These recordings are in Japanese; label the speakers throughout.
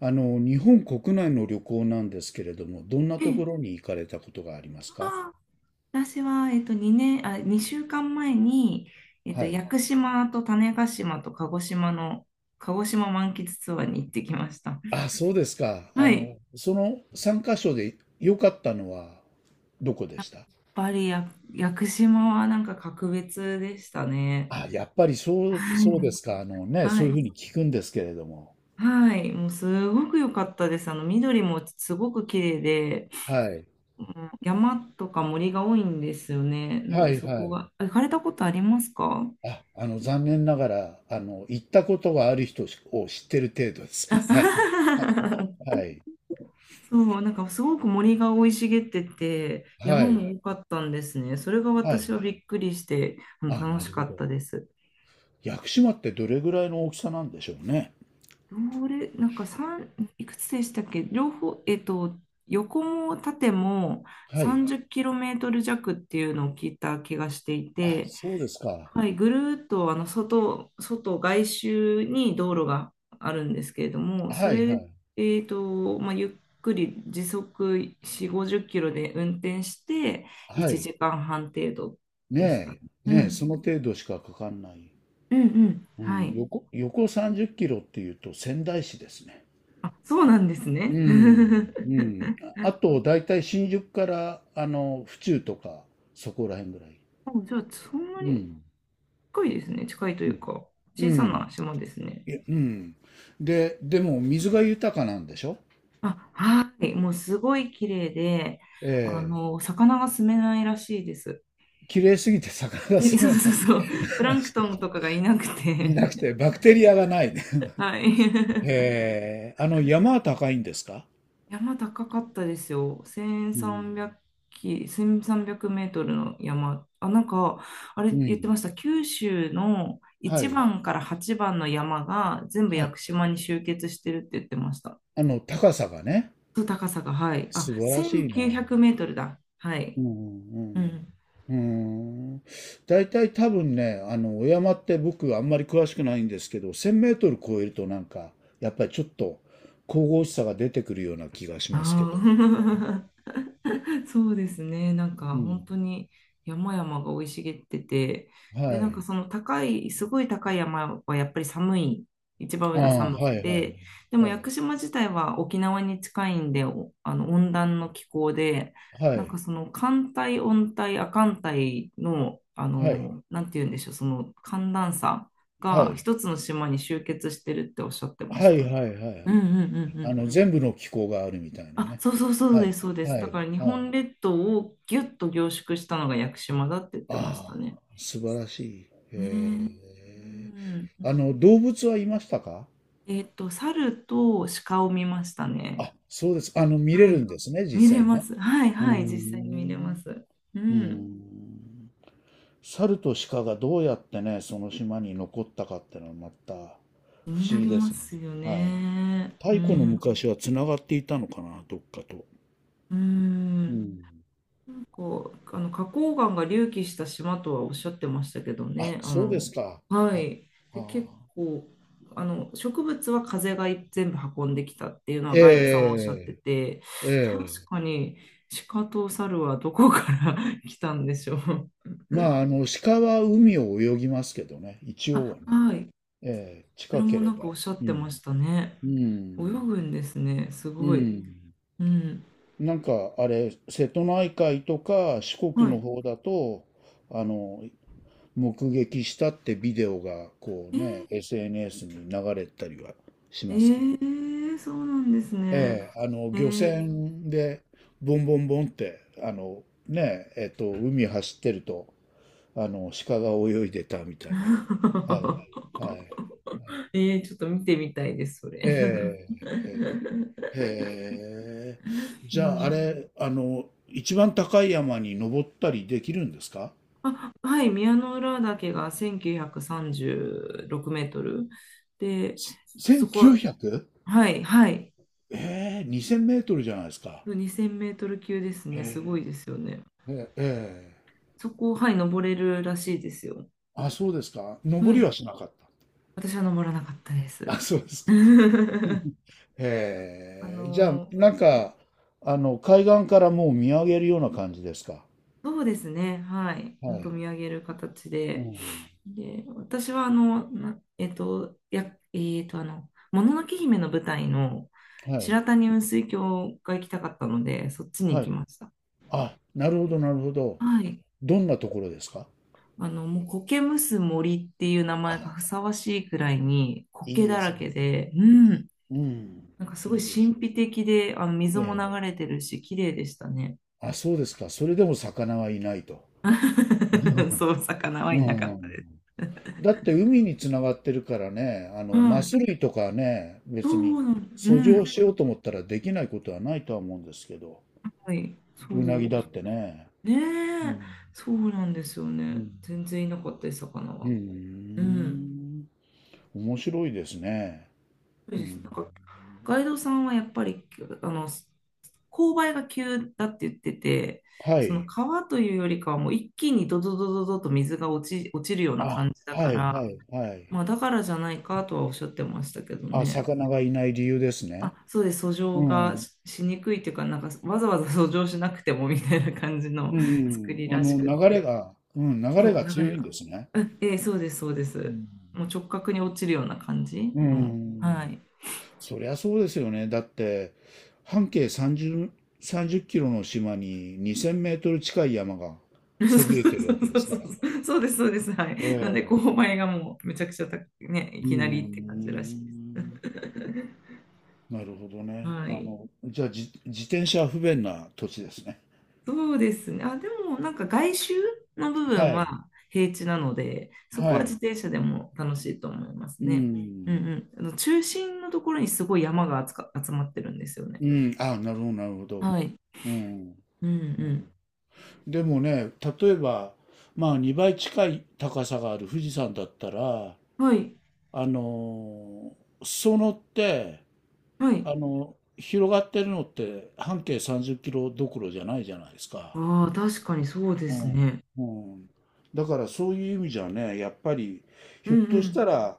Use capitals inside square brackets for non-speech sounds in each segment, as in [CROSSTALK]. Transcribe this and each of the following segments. Speaker 1: あの、日本国内の旅行なんですけれども、どんな
Speaker 2: え
Speaker 1: と
Speaker 2: え、
Speaker 1: ころに行かれたことがありますか？
Speaker 2: ああ、私は、2年、あ、2週間前に、
Speaker 1: はい。
Speaker 2: 屋久島と種子島と鹿児島の、鹿児島満喫ツアーに行ってきました。
Speaker 1: あ、そうですか。あ
Speaker 2: はい。やっ
Speaker 1: の、その3カ所で良かったのはどこでした？
Speaker 2: ぱりや屋久島はなんか格別でしたね。
Speaker 1: あ、やっぱりそう、
Speaker 2: はい。
Speaker 1: そうですか。あのね、
Speaker 2: は
Speaker 1: そういうふう
Speaker 2: い。
Speaker 1: に聞くんですけれども。
Speaker 2: はい。もうすごく良かったです。あの、緑もすごく綺麗で、
Speaker 1: はい。
Speaker 2: うん山とか森が多いんですよね。なん
Speaker 1: は
Speaker 2: で
Speaker 1: い
Speaker 2: そ
Speaker 1: は
Speaker 2: こ
Speaker 1: い。
Speaker 2: が、あ、行かれたことありますか？
Speaker 1: あ、あの、残念ながら、あの、行ったことがある人を知ってる程度です。
Speaker 2: あ、
Speaker 1: [LAUGHS] はい。
Speaker 2: [LAUGHS]
Speaker 1: はい。
Speaker 2: そう、なんかすごく森が生い茂ってて、
Speaker 1: は
Speaker 2: 山
Speaker 1: い。
Speaker 2: も多かったんですね。それが
Speaker 1: は
Speaker 2: 私
Speaker 1: い。
Speaker 2: はびっくりして、あの
Speaker 1: あ、な
Speaker 2: 楽し
Speaker 1: る
Speaker 2: か
Speaker 1: ほ
Speaker 2: った
Speaker 1: ど。
Speaker 2: です。
Speaker 1: 屋久島ってどれぐらいの大きさなんでしょうね。
Speaker 2: どれ、なんか三いくつでしたっけ、両方、横も縦も
Speaker 1: はい。
Speaker 2: 30キロメートル弱っていうのを聞いた気がしてい
Speaker 1: あ、
Speaker 2: て、
Speaker 1: そうですか。
Speaker 2: はい、ぐるーっと外周に道路があるんですけれども、そ
Speaker 1: はい
Speaker 2: れ、
Speaker 1: はい。
Speaker 2: まあ、ゆっくり時速4、50キロで運転して
Speaker 1: は
Speaker 2: 1
Speaker 1: い。
Speaker 2: 時間半程度でした。
Speaker 1: ねえ、
Speaker 2: う
Speaker 1: ねえ、そ
Speaker 2: ん、
Speaker 1: の程度しかかかんない。
Speaker 2: うんうん、
Speaker 1: う
Speaker 2: は
Speaker 1: ん、
Speaker 2: い。
Speaker 1: 横30キロっていうと仙台市ですね。
Speaker 2: あ、そうなんです
Speaker 1: う
Speaker 2: ね。
Speaker 1: ん、う
Speaker 2: [LAUGHS]
Speaker 1: ん。ああと、だいたい新宿から、あの、府中とか、そこら辺ぐらい。
Speaker 2: じゃあ、そんな
Speaker 1: う
Speaker 2: に
Speaker 1: ん。
Speaker 2: 近いですね。近いとい
Speaker 1: うん。
Speaker 2: うか、
Speaker 1: う
Speaker 2: 小さ
Speaker 1: ん
Speaker 2: な島ですね。
Speaker 1: いやうん。でも、水が豊かなんでしょ？
Speaker 2: あ、はい。もうすごい綺麗で、あ
Speaker 1: ええ。
Speaker 2: の、魚が住めないらしいです。
Speaker 1: 綺麗すぎて魚
Speaker 2: [LAUGHS]
Speaker 1: が
Speaker 2: そ
Speaker 1: 住
Speaker 2: う
Speaker 1: め
Speaker 2: そ
Speaker 1: な
Speaker 2: う
Speaker 1: い。
Speaker 2: そう。プランクトン
Speaker 1: [LAUGHS]
Speaker 2: とかがいなく
Speaker 1: いなく
Speaker 2: て
Speaker 1: て、バクテリアがないね。
Speaker 2: [LAUGHS] はい。[LAUGHS]
Speaker 1: へえ。あの、山は高いんですか？
Speaker 2: 山高かったですよ。
Speaker 1: うん。
Speaker 2: 1300キ、1 3 0メートルの山。あ、なんか、あれ
Speaker 1: う
Speaker 2: 言ってま
Speaker 1: ん。
Speaker 2: した。九州の
Speaker 1: は
Speaker 2: 1
Speaker 1: い。
Speaker 2: 番から8番の山が全部
Speaker 1: は
Speaker 2: 屋
Speaker 1: い。
Speaker 2: 久島に集結してるって言ってました。
Speaker 1: あの、高さがね、
Speaker 2: と高さが、はい。あ、
Speaker 1: 素晴らしいな。
Speaker 2: 1900メートルだ。は
Speaker 1: う
Speaker 2: い。
Speaker 1: んう
Speaker 2: う
Speaker 1: ん
Speaker 2: ん。
Speaker 1: うん。うん。大体多分ね、あの、お山って僕あんまり詳しくないんですけど、1000メートル超えるとなんか、やっぱりちょっと神々しさが出てくるような気がしますけど。
Speaker 2: ああ。[LAUGHS] [LAUGHS] そうですね。なん
Speaker 1: う
Speaker 2: か
Speaker 1: ん。
Speaker 2: 本当に山々が生い茂ってて、で、
Speaker 1: は
Speaker 2: なんか
Speaker 1: い。
Speaker 2: その高い、すごい高い山はやっぱり寒い、一番
Speaker 1: あ
Speaker 2: 上が
Speaker 1: あ、
Speaker 2: 寒
Speaker 1: は
Speaker 2: く
Speaker 1: いはい。
Speaker 2: て、でも
Speaker 1: は
Speaker 2: 屋
Speaker 1: い。
Speaker 2: 久島自体は沖縄に近いんで、おあの温暖の気候で、
Speaker 1: は
Speaker 2: なんか
Speaker 1: い。
Speaker 2: その寒帯、温帯、亜寒帯の、
Speaker 1: はい。
Speaker 2: なんて言うんでしょう、その寒暖差
Speaker 1: は
Speaker 2: が
Speaker 1: い。
Speaker 2: 一つの島に集結してるっておっしゃってま
Speaker 1: は
Speaker 2: した。
Speaker 1: いはいはいは
Speaker 2: うんう
Speaker 1: い。
Speaker 2: んう
Speaker 1: あの、
Speaker 2: ん、
Speaker 1: 全部の気候があるみたいな
Speaker 2: あ、
Speaker 1: ね。
Speaker 2: そうそうそう
Speaker 1: は
Speaker 2: で
Speaker 1: い。
Speaker 2: す、そうです。
Speaker 1: は
Speaker 2: だ
Speaker 1: い。
Speaker 2: から日
Speaker 1: は
Speaker 2: 本
Speaker 1: い。
Speaker 2: 列島をギュッと凝縮したのが屋久島だって言ってまし
Speaker 1: あ
Speaker 2: たね。
Speaker 1: あ、素晴らしい。へ
Speaker 2: ねえ、う
Speaker 1: え。
Speaker 2: ん。
Speaker 1: あの、動物はいましたか？
Speaker 2: 猿と鹿を見ましたね。
Speaker 1: あ、そうです。あの、見れ
Speaker 2: は
Speaker 1: る
Speaker 2: い。
Speaker 1: んですね、
Speaker 2: 見
Speaker 1: 実
Speaker 2: れ
Speaker 1: 際
Speaker 2: ま
Speaker 1: ね。
Speaker 2: す。はい
Speaker 1: うー
Speaker 2: はい、実際に見れま
Speaker 1: ん。
Speaker 2: す。う
Speaker 1: うー
Speaker 2: ん。
Speaker 1: ん。猿と鹿がどうやってね、その島に残ったかってのはまた不思
Speaker 2: 気にな
Speaker 1: 議
Speaker 2: り
Speaker 1: で
Speaker 2: ま
Speaker 1: すね。
Speaker 2: すよ
Speaker 1: はい。
Speaker 2: ね。う
Speaker 1: 太古の
Speaker 2: ん。
Speaker 1: 昔はつながっていたのかな、どっかと。
Speaker 2: う
Speaker 1: う
Speaker 2: ん。
Speaker 1: ん。
Speaker 2: こう、あの花崗岩が隆起した島とはおっしゃってましたけど
Speaker 1: あ、
Speaker 2: ね。あ
Speaker 1: そうで
Speaker 2: の、
Speaker 1: すか。
Speaker 2: は
Speaker 1: はい。
Speaker 2: い。で、
Speaker 1: あ
Speaker 2: 結
Speaker 1: あ。
Speaker 2: 構、あの、植物は風が全部運んできたっていうのは
Speaker 1: え
Speaker 2: ガイドさんもおっしゃって
Speaker 1: え、
Speaker 2: て、確
Speaker 1: ええ。
Speaker 2: かに鹿と猿はどこから [LAUGHS] 来たんでしょう。
Speaker 1: まあ、あの、鹿は海を泳ぎますけどね、一応
Speaker 2: あ、
Speaker 1: はね。
Speaker 2: はい。
Speaker 1: ええ、
Speaker 2: それ
Speaker 1: 近け
Speaker 2: も
Speaker 1: れ
Speaker 2: なん
Speaker 1: ば。
Speaker 2: かおっしゃっ
Speaker 1: う
Speaker 2: てま
Speaker 1: ん。
Speaker 2: したね。
Speaker 1: う
Speaker 2: 泳
Speaker 1: ん。
Speaker 2: ぐんですね。す
Speaker 1: う
Speaker 2: ごい。
Speaker 1: ん。
Speaker 2: うん。
Speaker 1: なんか、あれ、瀬戸内海とか四国
Speaker 2: は
Speaker 1: の
Speaker 2: い。
Speaker 1: 方だと、あの、目撃したってビデオが、こうね、SNS に流れたりはし
Speaker 2: え
Speaker 1: ますけど。
Speaker 2: ー、そうなんですね。
Speaker 1: ええ、あの、
Speaker 2: え
Speaker 1: 漁
Speaker 2: ー、
Speaker 1: 船で、ボンボンボンって、あの、ね、海走ってると、あの、鹿が泳いでたみたいな。はい。は
Speaker 2: [LAUGHS]
Speaker 1: い。
Speaker 2: えー、ちょっと見てみたいです、それ。[LAUGHS]
Speaker 1: え
Speaker 2: う
Speaker 1: え、ええ、へえ。じゃあ、あ
Speaker 2: ん、
Speaker 1: れ、あの、一番高い山に登ったりできるんですか？
Speaker 2: [LAUGHS] あ、はい、宮之浦岳が1936メートルで、
Speaker 1: す
Speaker 2: そこ、
Speaker 1: ?1900?
Speaker 2: はい、はい、
Speaker 1: ええ、2000メートルじゃないですか。
Speaker 2: 2000メートル級ですね、すご
Speaker 1: え
Speaker 2: いですよね。
Speaker 1: え、ええ、ええ。
Speaker 2: そこ、はい、登れるらしいですよ。
Speaker 1: あ、そうですか。
Speaker 2: は
Speaker 1: 登り
Speaker 2: い、
Speaker 1: はしなかっ
Speaker 2: 私は登らなかったで
Speaker 1: た。あ、
Speaker 2: す。
Speaker 1: そうですか。[LAUGHS]
Speaker 2: [LAUGHS] あ
Speaker 1: ええ、じゃあ、
Speaker 2: の、
Speaker 1: なんか、あの、海岸からもう見上げるような感じですか。
Speaker 2: そうですね。はい。ほ
Speaker 1: は
Speaker 2: んと
Speaker 1: い。
Speaker 2: 見上げる形
Speaker 1: う
Speaker 2: で。
Speaker 1: ん。
Speaker 2: で、私はあの、なえっと、や、もののけ姫の舞台の
Speaker 1: はい。
Speaker 2: 白谷雲水峡が行きたかったので、そっちに行
Speaker 1: は
Speaker 2: き
Speaker 1: い。
Speaker 2: ました。
Speaker 1: あ、なるほど、なるほど。
Speaker 2: はい。
Speaker 1: どんなところですか？
Speaker 2: あの、もう苔むす森っていう名前がふさわしいくらいに
Speaker 1: い
Speaker 2: 苔
Speaker 1: い
Speaker 2: だ
Speaker 1: で
Speaker 2: ら
Speaker 1: すね。
Speaker 2: けで、うん。
Speaker 1: うん。
Speaker 2: なんかすごい
Speaker 1: いいです。
Speaker 2: 神秘的で、あの、水
Speaker 1: え
Speaker 2: も
Speaker 1: え。
Speaker 2: 流れてるし、綺麗でしたね。
Speaker 1: あ、そうですか。それでも魚はいないと。
Speaker 2: [LAUGHS]
Speaker 1: [LAUGHS]
Speaker 2: そう、魚は
Speaker 1: う
Speaker 2: いなかった
Speaker 1: ん。
Speaker 2: です。
Speaker 1: だって海につながってるからね、あ
Speaker 2: は
Speaker 1: の、マス
Speaker 2: い。
Speaker 1: 類とかね、
Speaker 2: そ
Speaker 1: 別に
Speaker 2: うなの、う
Speaker 1: 遡上
Speaker 2: ん。
Speaker 1: しようと思ったらできないことはないとは思うんですけど、
Speaker 2: はい、そ
Speaker 1: うなぎ
Speaker 2: う、
Speaker 1: だってね。う
Speaker 2: ねえ、
Speaker 1: ん。
Speaker 2: そうなんですよ
Speaker 1: う
Speaker 2: ね。
Speaker 1: ん。
Speaker 2: 全然いなかったです、魚
Speaker 1: う
Speaker 2: は。うん。
Speaker 1: ん。面白いですね。
Speaker 2: そう
Speaker 1: う
Speaker 2: です。な
Speaker 1: ん。
Speaker 2: んか、ガイドさんはやっぱり、あの、勾配が急だって言ってて、
Speaker 1: は
Speaker 2: その
Speaker 1: い。
Speaker 2: 川というよりかはもう一気にドドドドドと水が落ちるような
Speaker 1: あ、
Speaker 2: 感じだか
Speaker 1: はいは
Speaker 2: ら、
Speaker 1: いはい。
Speaker 2: まあだからじゃないかとはおっしゃってましたけど
Speaker 1: あ、
Speaker 2: ね。
Speaker 1: 魚がいない理由ですね。
Speaker 2: あ、そうです、遡上
Speaker 1: う
Speaker 2: が
Speaker 1: ん。
Speaker 2: しにくいっていうか、なんかわざわざ遡上しなくてもみたいな感じの
Speaker 1: う
Speaker 2: [LAUGHS] 作
Speaker 1: ん、
Speaker 2: り
Speaker 1: あ
Speaker 2: らしくっ
Speaker 1: の、流れ
Speaker 2: て。
Speaker 1: が、うん、流
Speaker 2: そ
Speaker 1: れ
Speaker 2: う、
Speaker 1: が
Speaker 2: 流れ
Speaker 1: 強いん
Speaker 2: が。
Speaker 1: ですね。
Speaker 2: ええ、そうです、そうで
Speaker 1: う
Speaker 2: す。
Speaker 1: ん、
Speaker 2: もう直角に落ちるような感じ
Speaker 1: う
Speaker 2: の。は
Speaker 1: ん。
Speaker 2: い。
Speaker 1: そりゃそうですよね。だって、半径30キロの島に2000メートル近い山が
Speaker 2: [LAUGHS] そう
Speaker 1: そびえてる
Speaker 2: そ
Speaker 1: わけ
Speaker 2: う
Speaker 1: で
Speaker 2: そう
Speaker 1: す
Speaker 2: そ
Speaker 1: から。
Speaker 2: うそう。そうです、そうです。は
Speaker 1: え
Speaker 2: い。なんで、勾
Speaker 1: え、
Speaker 2: 配がもうめちゃくちゃ高くね、い
Speaker 1: う
Speaker 2: きなりって感じらしいです。
Speaker 1: ん、なるほど
Speaker 2: [LAUGHS]
Speaker 1: ね。
Speaker 2: は
Speaker 1: あ
Speaker 2: い。
Speaker 1: の、じゃあ、自転車は不便な土地ですね。
Speaker 2: そうですね。あ、でも、なんか外周の部
Speaker 1: は
Speaker 2: 分は
Speaker 1: い、
Speaker 2: 平地なので、そこ
Speaker 1: は
Speaker 2: は自
Speaker 1: い。
Speaker 2: 転車でも楽しいと思います
Speaker 1: う
Speaker 2: ね。うん
Speaker 1: ん、
Speaker 2: うん。あの中心のところにすごい山が集まってるんですよね。
Speaker 1: うん、あ、なるほど、なるほど。
Speaker 2: はい。
Speaker 1: うん、
Speaker 2: うん
Speaker 1: うん。
Speaker 2: う
Speaker 1: でもね、例えば、まあ2倍近い高さがある富士山だったら、
Speaker 2: ん。はい。
Speaker 1: あの裾野って、
Speaker 2: はい。
Speaker 1: あの広がってるのって半径30キロどころじゃないじゃないですか。
Speaker 2: ああ、確かにそうで
Speaker 1: う
Speaker 2: す
Speaker 1: ん。
Speaker 2: ね。
Speaker 1: うん。だからそういう意味じゃね、やっぱり、
Speaker 2: う
Speaker 1: ひょっとした
Speaker 2: ん
Speaker 1: ら、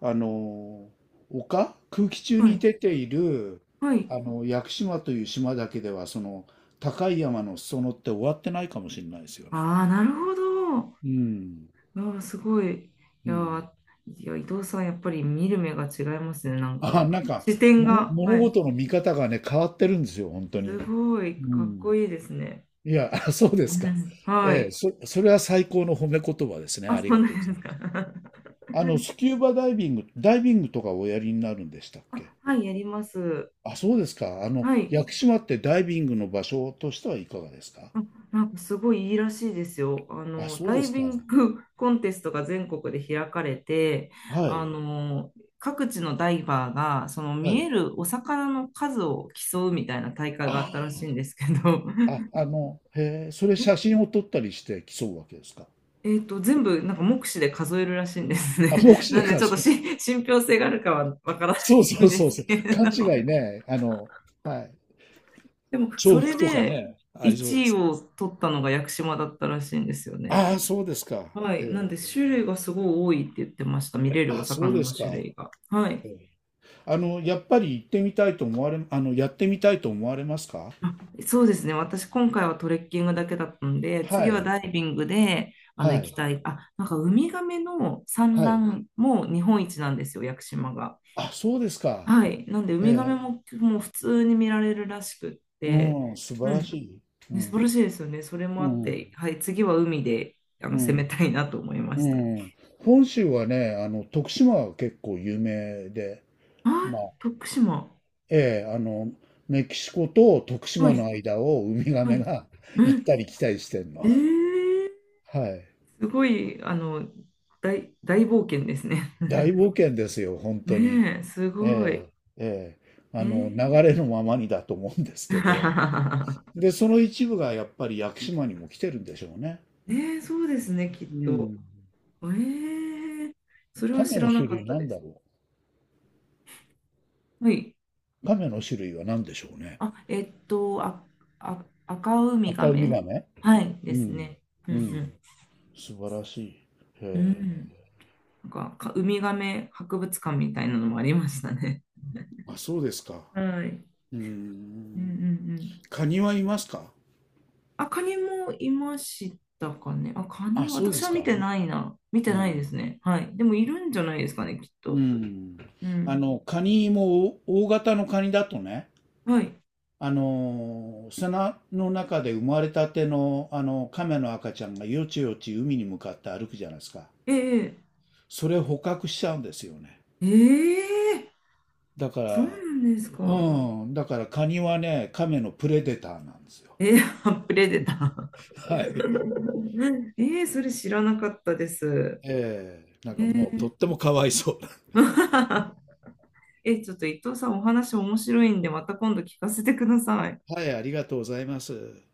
Speaker 1: あの丘、空気中
Speaker 2: うん。は
Speaker 1: に
Speaker 2: い。
Speaker 1: 出ている、
Speaker 2: はい。
Speaker 1: あの、屋久島という島だけでは、その、高い山の裾野って終わってないかもしれないですよ
Speaker 2: あ
Speaker 1: ね。
Speaker 2: あ、なるほど。あ
Speaker 1: うん。
Speaker 2: あ、すごい。
Speaker 1: う
Speaker 2: や
Speaker 1: ん。
Speaker 2: ー、いや、伊藤さん、やっぱり見る目が違いますね。なん
Speaker 1: あ、
Speaker 2: か、
Speaker 1: なんか、
Speaker 2: 視
Speaker 1: [LAUGHS]
Speaker 2: 点
Speaker 1: もの、
Speaker 2: が。
Speaker 1: 物
Speaker 2: はい。
Speaker 1: 事の見方がね、変わってるんですよ、本当に。
Speaker 2: すごい、
Speaker 1: う
Speaker 2: かっ
Speaker 1: ん。
Speaker 2: こいいですね。
Speaker 1: いや、[LAUGHS] あ、そうで
Speaker 2: う
Speaker 1: すか。
Speaker 2: ん、は
Speaker 1: ええ、
Speaker 2: い。
Speaker 1: それは最高の褒め言葉ですね。
Speaker 2: あ、
Speaker 1: あり
Speaker 2: そう
Speaker 1: が
Speaker 2: な
Speaker 1: とうご
Speaker 2: ん
Speaker 1: ざ
Speaker 2: で
Speaker 1: い
Speaker 2: す
Speaker 1: ます。
Speaker 2: か。
Speaker 1: あの、ス
Speaker 2: [LAUGHS]
Speaker 1: キューバダイビング、ダイビングとかおやりになるんでしたっけ？
Speaker 2: あ、はい、やります。
Speaker 1: あ、そうですか。あの、
Speaker 2: はい。
Speaker 1: 屋久島ってダイビングの場所としてはいかがですか？
Speaker 2: あ、なんかすごいいいらしいですよ。あ
Speaker 1: あ、
Speaker 2: の、
Speaker 1: そう
Speaker 2: ダ
Speaker 1: で
Speaker 2: イ
Speaker 1: すか。
Speaker 2: ビングコンテストが全国で開かれて、
Speaker 1: は
Speaker 2: あ
Speaker 1: い。
Speaker 2: の、各地のダイバーが、その
Speaker 1: は
Speaker 2: 見
Speaker 1: い。
Speaker 2: えるお魚の数を競うみたいな大会
Speaker 1: あ
Speaker 2: があったらしいんですけど、
Speaker 1: あ、
Speaker 2: [LAUGHS]
Speaker 1: あ、あの、へえ、それ写真を撮ったりして競うわけですか？
Speaker 2: 全部なんか目視で数えるらしいんですね。
Speaker 1: あ、目
Speaker 2: [LAUGHS]
Speaker 1: 視
Speaker 2: な
Speaker 1: で
Speaker 2: んで
Speaker 1: か。
Speaker 2: ちょっと信憑性があるかはわからな
Speaker 1: そうそ
Speaker 2: い
Speaker 1: う
Speaker 2: んで
Speaker 1: そう
Speaker 2: す
Speaker 1: そう。
Speaker 2: けれ
Speaker 1: 勘違
Speaker 2: ど。
Speaker 1: いね。あの、はい。
Speaker 2: [LAUGHS] でも、そ
Speaker 1: 重
Speaker 2: れ
Speaker 1: 複とか
Speaker 2: で
Speaker 1: ね、ありそうで
Speaker 2: 1位
Speaker 1: す。
Speaker 2: を取ったのが屋久島だったらしいんですよね。
Speaker 1: ああ、そうですか。
Speaker 2: は
Speaker 1: へ
Speaker 2: い。なんで、
Speaker 1: え。
Speaker 2: 種類がすごい多いって言ってました。見れるお
Speaker 1: あ、そう
Speaker 2: 魚
Speaker 1: で
Speaker 2: の
Speaker 1: す
Speaker 2: 種
Speaker 1: か。
Speaker 2: 類が。は
Speaker 1: へ
Speaker 2: い。
Speaker 1: え。あの、やっぱり行ってみたいと思われ、あの、やってみたいと思われますか？
Speaker 2: あ、そうですね。私、今回はトレッキングだけだったんで、
Speaker 1: は
Speaker 2: 次は
Speaker 1: い。
Speaker 2: ダイビングで、あの、
Speaker 1: は
Speaker 2: 行き
Speaker 1: い。
Speaker 2: たい。あ、なんか、ウミガメの産
Speaker 1: はい。
Speaker 2: 卵も日本一なんですよ、屋久島が。
Speaker 1: あ、そうですか。
Speaker 2: はい。なんで、ウ
Speaker 1: え
Speaker 2: ミガメ
Speaker 1: え。
Speaker 2: も、もう普通に見られるらしくって、
Speaker 1: うん、素晴
Speaker 2: う
Speaker 1: ら
Speaker 2: ん。
Speaker 1: しい。う
Speaker 2: ね、素晴ら
Speaker 1: ん。
Speaker 2: しいですよね。それも
Speaker 1: う
Speaker 2: あっ
Speaker 1: ん。
Speaker 2: て、はい。次は海で、あの、
Speaker 1: う
Speaker 2: 攻め
Speaker 1: ん。
Speaker 2: たいなと思いま
Speaker 1: う
Speaker 2: した。
Speaker 1: ん。本州はね、あの、徳島は結構有名で、
Speaker 2: あ、徳島。
Speaker 1: ええ、あの、メキシコと徳
Speaker 2: は
Speaker 1: 島
Speaker 2: い。
Speaker 1: の間をウミガ
Speaker 2: は
Speaker 1: メ
Speaker 2: い。
Speaker 1: が [LAUGHS] 行っ
Speaker 2: え
Speaker 1: たり来たりしてんの。
Speaker 2: えー、
Speaker 1: はい。
Speaker 2: すごい、あの、大冒険ですね。
Speaker 1: 大冒
Speaker 2: [LAUGHS]
Speaker 1: 険ですよ、本当に。
Speaker 2: ねえ、すごい。
Speaker 1: ええ、ええ。
Speaker 2: え
Speaker 1: あの、流
Speaker 2: ー、
Speaker 1: れのままにだと思うんですけど。
Speaker 2: [LAUGHS]、
Speaker 1: で、その一部がやっぱり屋久島にも来てるんでしょうね。
Speaker 2: ねえ、そうですね、きっ
Speaker 1: う
Speaker 2: と。
Speaker 1: ん。
Speaker 2: えー、それは
Speaker 1: 亀
Speaker 2: 知
Speaker 1: の
Speaker 2: らな
Speaker 1: 種
Speaker 2: か
Speaker 1: 類
Speaker 2: った
Speaker 1: な
Speaker 2: で
Speaker 1: んだ
Speaker 2: す。
Speaker 1: ろ
Speaker 2: はい。
Speaker 1: う。亀の種類は何でしょうね。
Speaker 2: あ、あ、あ、赤ウミガ
Speaker 1: 赤ウミ
Speaker 2: メ、
Speaker 1: ガメ。
Speaker 2: はい
Speaker 1: う
Speaker 2: です
Speaker 1: ん。
Speaker 2: ね。う
Speaker 1: うん。
Speaker 2: ん
Speaker 1: 素晴らしい。へ
Speaker 2: うん。うん。
Speaker 1: え。
Speaker 2: なんか、ウミガメ博物館みたいなのもありましたね。
Speaker 1: あ、そうですか。
Speaker 2: はい。
Speaker 1: うー
Speaker 2: うんうんう
Speaker 1: ん。
Speaker 2: ん。
Speaker 1: カニはいますか？
Speaker 2: あ、カニもいましたかね。あ、カニ、
Speaker 1: あ、そうで
Speaker 2: 私は
Speaker 1: す
Speaker 2: 見
Speaker 1: か。
Speaker 2: てないな。見て
Speaker 1: う
Speaker 2: ないで
Speaker 1: ん。
Speaker 2: すね。はい。でもいるんじゃないですかね、きっ
Speaker 1: う
Speaker 2: と。
Speaker 1: ん。
Speaker 2: う
Speaker 1: あ
Speaker 2: ん。
Speaker 1: の、カニも大大型のカニだとね、
Speaker 2: はい。
Speaker 1: あの砂の中で生まれたての、あの、亀の赤ちゃんがよちよち海に向かって歩くじゃないですか。
Speaker 2: ええ、
Speaker 1: それを捕獲しちゃうんですよね。
Speaker 2: ええ、
Speaker 1: だか
Speaker 2: そうな
Speaker 1: ら、
Speaker 2: んです
Speaker 1: う
Speaker 2: か。
Speaker 1: ん。だからカニはね、亀のプレデターなんですよ。
Speaker 2: ええ、あ、プレデター。
Speaker 1: はい。
Speaker 2: [LAUGHS] ええ、それ知らなかったです。
Speaker 1: ええ。なんか
Speaker 2: え
Speaker 1: もう
Speaker 2: え
Speaker 1: とってもかわいそう。
Speaker 2: [LAUGHS] え、ちょっと伊藤さん、お話面白いんで、また今度聞かせてください。
Speaker 1: はい、ありがとうございます。